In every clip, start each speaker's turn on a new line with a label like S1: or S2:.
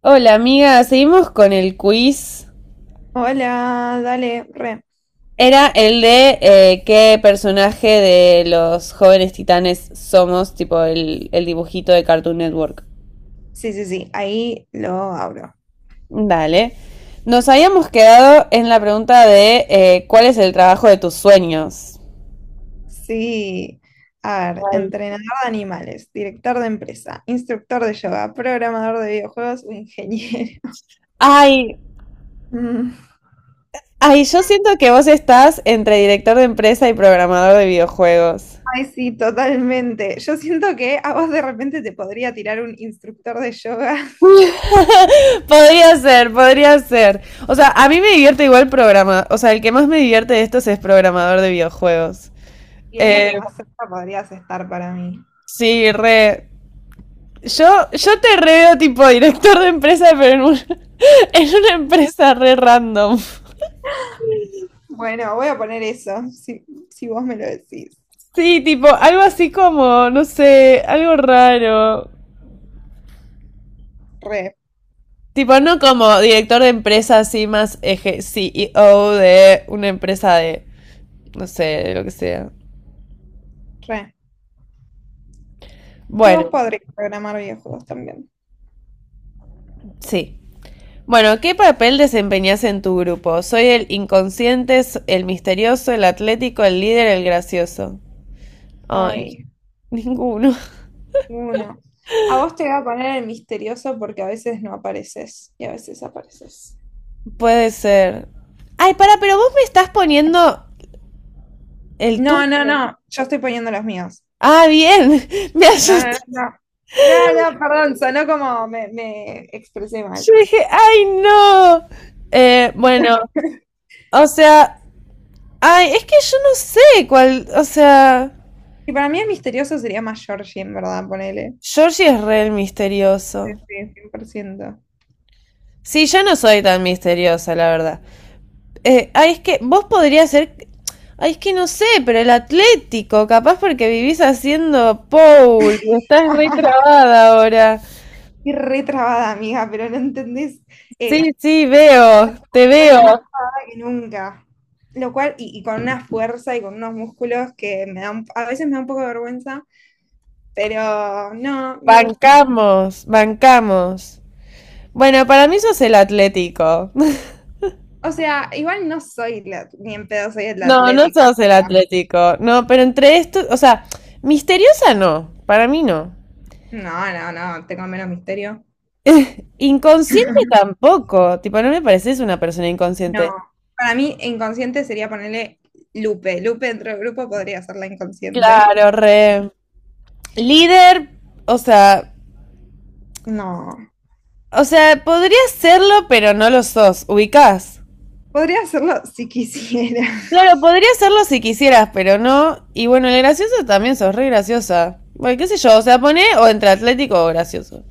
S1: Hola amiga, seguimos con el quiz.
S2: Hola, dale, re.
S1: Era el de qué personaje de los jóvenes titanes somos, tipo el dibujito de Cartoon Network.
S2: Sí, sí, sí, ahí lo abro.
S1: Dale. Nos habíamos quedado en la pregunta de cuál es el trabajo de tus sueños.
S2: Sí. A ver, entrenador de animales, director de empresa, instructor de yoga, programador de videojuegos o ingeniero.
S1: Ay,
S2: Mm.
S1: ay, yo siento que vos estás entre director de empresa y programador de videojuegos.
S2: Ay, sí, totalmente. Yo siento que a vos de repente te podría tirar un instructor de yoga.
S1: Podría ser, podría ser. O sea, a mí me divierte igual programa. O sea, el que más me divierte de estos es programador de videojuegos.
S2: Y es lo que
S1: Eh,
S2: más cerca podrías estar para mí.
S1: sí, re. Yo te re veo tipo director de empresa, pero en, un- en una empresa re random.
S2: Bueno, voy a poner eso, si, si vos me lo decís.
S1: Sí, tipo, algo así como, no sé, algo raro.
S2: Re,
S1: Tipo, no como director de empresa así más eje CEO de una empresa de, no sé, de lo que sea.
S2: re. Si vos
S1: Bueno,
S2: podrías programar videojuegos también.
S1: sí. Bueno, ¿qué papel desempeñas en tu grupo? Soy el inconsciente, s- el misterioso, el atlético, el líder, el gracioso. Ay,
S2: Ay.
S1: ninguno.
S2: Uno. A vos te voy a poner el misterioso porque a veces no apareces y a veces apareces.
S1: Puede ser. Ay, para, pero vos me estás poniendo el tú.
S2: No, no, no. Yo estoy poniendo los míos.
S1: Ah, bien. Me
S2: No,
S1: asusté.
S2: no, no. No, no, no, perdón, sonó como me expresé mal.
S1: Yo dije, ay, no. Bueno, o sea, ay, es que yo no sé cuál, o sea,
S2: Y para mí el misterioso sería más Georgie, en verdad, ponele.
S1: Georgie es re el
S2: Sí,
S1: misterioso.
S2: sí, 100%.
S1: Sí, yo no soy tan misteriosa, la verdad. Ay, es que vos podrías ser. Ay, es que no sé, pero el Atlético, capaz porque vivís haciendo Paul, estás re trabada ahora.
S2: Y re trabada, amiga, pero no entendés.
S1: Sí,
S2: Eh,
S1: sí, veo, te
S2: Estoy más
S1: veo.
S2: trabada que nunca. Lo cual, y con una fuerza y con unos músculos que me dan, a veces me da un poco de vergüenza. Pero no, me gusta.
S1: Bancamos, bancamos. Bueno, para mí sos el Atlético.
S2: O sea, igual no soy la- ni en pedo soy el
S1: No, no
S2: Atlético. O
S1: sos el
S2: sea,
S1: Atlético. No, pero entre estos, o sea, misteriosa no, para mí no.
S2: no, no, no, tengo menos misterio.
S1: Inconsciente tampoco, tipo, no me pareces una persona
S2: No.
S1: inconsciente.
S2: Para mí, inconsciente sería ponerle Lupe. Lupe dentro del grupo podría ser la inconsciente.
S1: Claro, re. Líder, o sea,
S2: No.
S1: o sea, podría serlo, pero no lo sos. Ubicás.
S2: Podría hacerlo si quisiera.
S1: Claro, podría serlo si quisieras, pero no. Y bueno, el gracioso también sos re graciosa. Bueno, qué sé yo, o sea, pone o entre atlético o gracioso.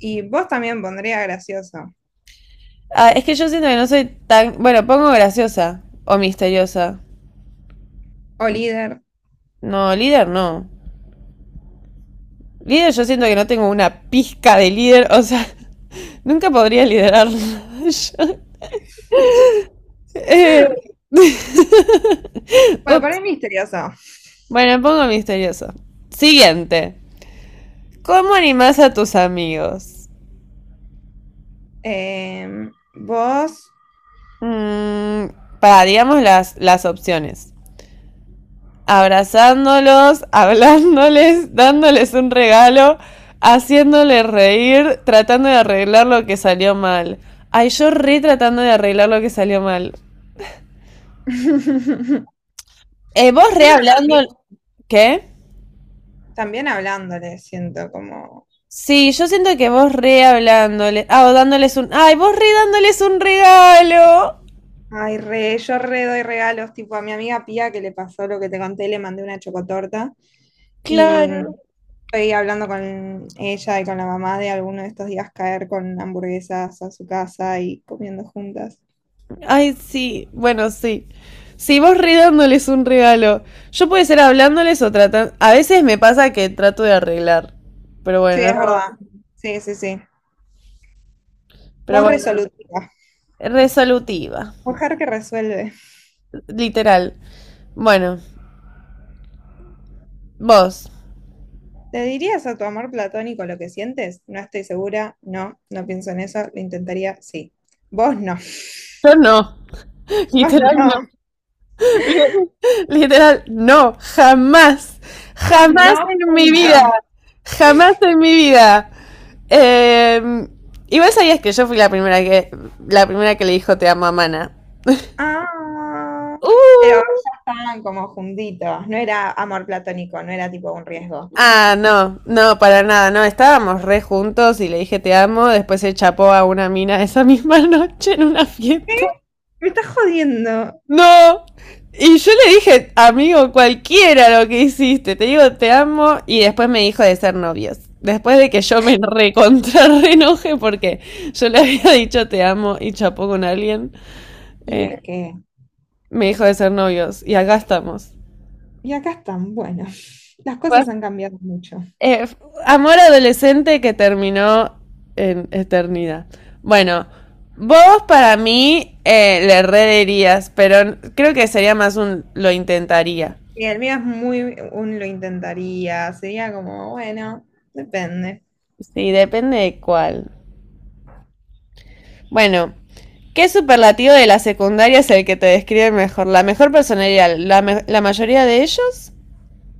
S2: Y vos también pondría gracioso.
S1: Ah, es que yo siento que no soy tan. Bueno, pongo graciosa o misteriosa.
S2: O líder.
S1: No, líder no. Líder yo siento que no tengo una pizca de líder, o sea, nunca podría liderar. Eh,
S2: Bueno,
S1: ups.
S2: poner misterioso.
S1: Bueno, pongo misterioso. Siguiente. ¿Cómo animás a tus amigos?
S2: Vos.
S1: Mm, pararíamos las opciones. Abrazándolos, hablándoles, dándoles un regalo, haciéndoles reír, tratando de arreglar lo que salió mal. Ay, yo re tratando de arreglar lo que salió mal. Vos
S2: Sí,
S1: re
S2: pero
S1: hablando...
S2: también,
S1: ¿Qué?
S2: también hablándole, siento como.
S1: Sí, yo siento que vos re hablándoles... Ah, o dándoles un... Ay, vos re dándoles un regalo.
S2: Ay, re, yo re doy regalos, tipo a mi amiga Pía que le pasó lo que te conté, le mandé una chocotorta y
S1: Claro.
S2: estoy hablando con ella y con la mamá de alguno de estos días caer con hamburguesas a su casa y comiendo juntas.
S1: Ay, sí, bueno, sí. Si vos re dándoles un regalo, yo puede ser hablándoles o tratando... A veces me pasa que trato de arreglar, pero
S2: Sí,
S1: bueno,
S2: es verdad.
S1: no,
S2: Sí, sí, sí.
S1: pero
S2: Vos
S1: bueno,
S2: resolutiva,
S1: resolutiva,
S2: mujer que resuelve.
S1: literal. Bueno, vos,
S2: ¿Le dirías a tu amor platónico lo que sientes? No estoy segura, no, no pienso en eso, lo intentaría, sí. Vos no,
S1: yo no,
S2: vos
S1: literal
S2: no,
S1: no, literal no, jamás,
S2: vos
S1: jamás
S2: no,
S1: en mi
S2: punto.
S1: vida, jamás en mi vida. Eh, igual sabías que yo fui la primera que le dijo te amo a Mana.
S2: Ah, pero
S1: Uh,
S2: ya estaban como juntitos. No era amor platónico, no era tipo un riesgo.
S1: ah, no, no, para nada, no, estábamos re juntos y le dije te amo, después se chapó a una mina esa misma noche en una fiesta.
S2: Me estás jodiendo.
S1: No, y yo le dije, amigo, cualquiera lo que hiciste, te digo te amo y después me dijo de ser novios. Después de que yo me recontra re enoje porque yo le había dicho te amo y chapó con alguien,
S2: Y es
S1: eh,
S2: que,
S1: me dijo de ser novios y acá estamos.
S2: y acá están, bueno, las cosas han cambiado mucho.
S1: Eh, amor adolescente que terminó en eternidad. Bueno, vos para mí le rederías, pero creo que sería más un lo intentaría.
S2: Y el mío es muy, un lo intentaría, sería como, bueno, depende.
S1: Sí, depende de cuál. Bueno, ¿qué superlativo de la secundaria es el que te describe mejor? La mejor personalidad, la, me- la mayoría de ellos,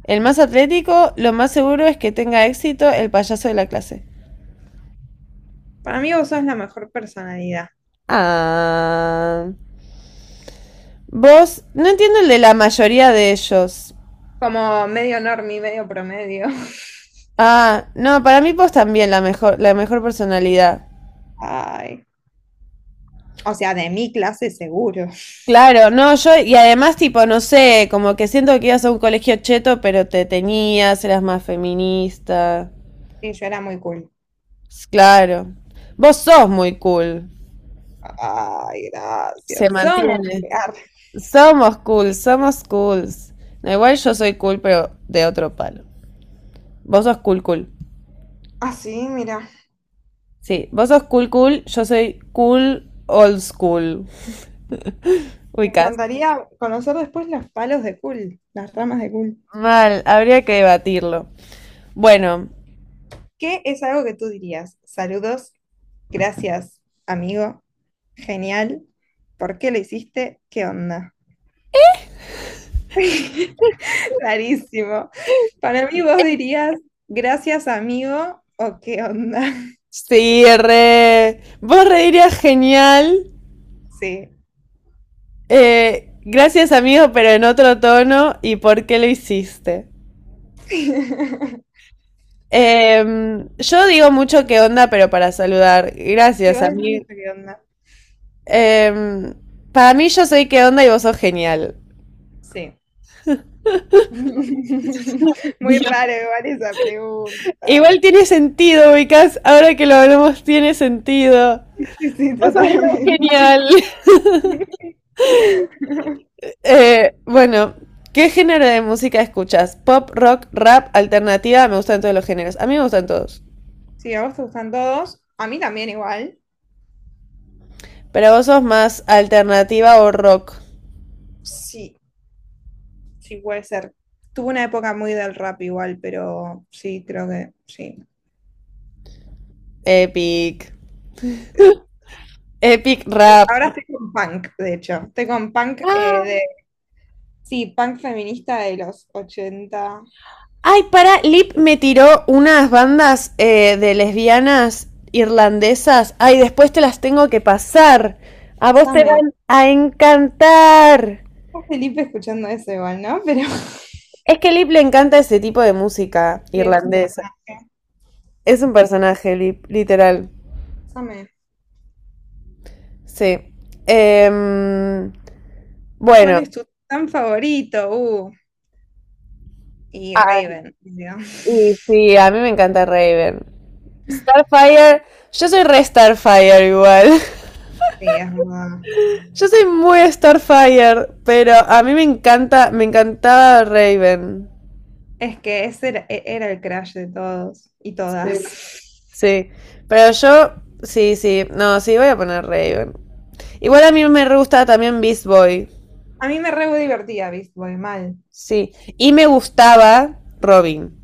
S1: el más atlético, lo más seguro es que tenga éxito el payaso de la clase.
S2: Para mí vos sos la mejor personalidad.
S1: Ah. Vos, no entiendo el de la mayoría de ellos.
S2: Como medio normie, medio promedio.
S1: Ah, no, para mí vos también la mejor personalidad.
S2: Ay. O sea, de mi clase seguro.
S1: Claro, no, yo, y además, tipo, no sé, como que siento que ibas a un colegio cheto, pero te tenías, eras más feminista.
S2: Sí, yo era muy cool.
S1: S- claro. Vos sos muy cool.
S2: Ay,
S1: Se
S2: gracias. Somos.
S1: mantiene.
S2: Ah.
S1: Somos cool, somos cools. No, igual yo soy cool, pero de otro palo. Vos sos cool, cool.
S2: Ah, sí, mira.
S1: Sí, vos sos cool, cool, yo soy cool, old school.
S2: Me
S1: Ubicás.
S2: encantaría conocer después los palos de Cool, las ramas de Cool.
S1: Mal, habría que debatirlo. Bueno,
S2: ¿Qué es algo que tú dirías? Saludos, gracias, amigo, genial. ¿Por qué lo hiciste? ¿Qué onda? Rarísimo. Para mí vos dirías, gracias, amigo, o qué onda.
S1: sí, re. Vos reirías genial.
S2: Sí.
S1: Gracias, amigo, pero en otro tono. ¿Y por qué lo hiciste? Yo digo mucho qué onda, pero para saludar.
S2: Y
S1: Gracias,
S2: vos decís
S1: amigo.
S2: mucho qué onda.
S1: Em, para mí, yo soy qué onda y vos sos genial.
S2: Sí. Muy
S1: Dios.
S2: raro igual esa pregunta.
S1: Igual tiene sentido, ubicás. Ahora que lo hablamos, tiene sentido.
S2: Sí, sí,
S1: Vos sos re
S2: totalmente.
S1: genial. Bueno, ¿qué género de música escuchas? Pop, rock, rap, alternativa. Me gustan todos los géneros. A mí me gustan todos.
S2: Sí, a vos te gustan todos. A mí también igual.
S1: Pero vos sos más alternativa o rock.
S2: Sí, sí puede ser. Tuve una época muy del rap igual, pero sí, creo que sí.
S1: Epic. Epic rap.
S2: Ahora estoy con punk, de hecho. Estoy con punk eh,
S1: Ah,
S2: de... Sí, punk feminista de los ochenta.
S1: ay, para, Lip me tiró unas bandas de lesbianas irlandesas. Ay, después te las tengo que pasar. A vos te
S2: Same.
S1: van a encantar.
S2: Está Felipe escuchando eso igual, ¿no? Pero
S1: Es que Lip le encanta ese tipo de música
S2: sí, es un
S1: irlandesa.
S2: personaje.
S1: Es un personaje, Lip, literal.
S2: Same.
S1: Sí. Em,
S2: ¿Cuál
S1: bueno,
S2: es tu tan favorito? Y
S1: ah,
S2: Raven, digo.
S1: y sí, a mí me encanta Raven. Starfire, yo soy re Starfire igual.
S2: Sí, es verdad.
S1: Yo soy muy Starfire, pero a mí me encanta, me encantaba Raven.
S2: Es que ese era, era el crush de todos y
S1: Sí.
S2: todas.
S1: Sí, pero yo, sí, sí, no, sí, voy a poner Raven. Igual a mí me re gustaba también Beast Boy.
S2: A mí me re divertía Beast Boy, mal.
S1: Sí, y me gustaba Robin.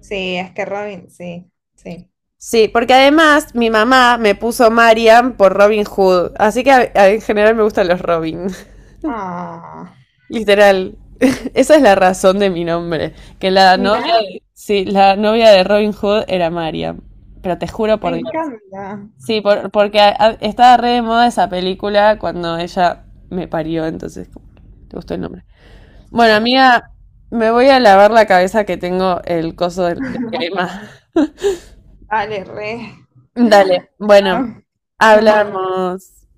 S2: Sí, es que Robin, sí, sí.
S1: Sí, porque además mi mamá me puso Marian por Robin Hood, así que a- en general me gustan los Robin,
S2: Ah,
S1: literal. Esa es la razón de mi nombre, que la novia
S2: mira,
S1: de, sí, la novia de Robin Hood era Marian, pero te juro
S2: me
S1: por Dios.
S2: encanta.
S1: Sí, por- porque a- estaba re de moda esa película cuando ella me parió, entonces como, te gustó el nombre. Bueno,
S2: Ay, qué... qui-
S1: amiga, me voy a lavar la cabeza que tengo el coso de crema.
S2: Dale, re.
S1: Dale, bueno,
S2: Chao, nos vemos.
S1: hablamos.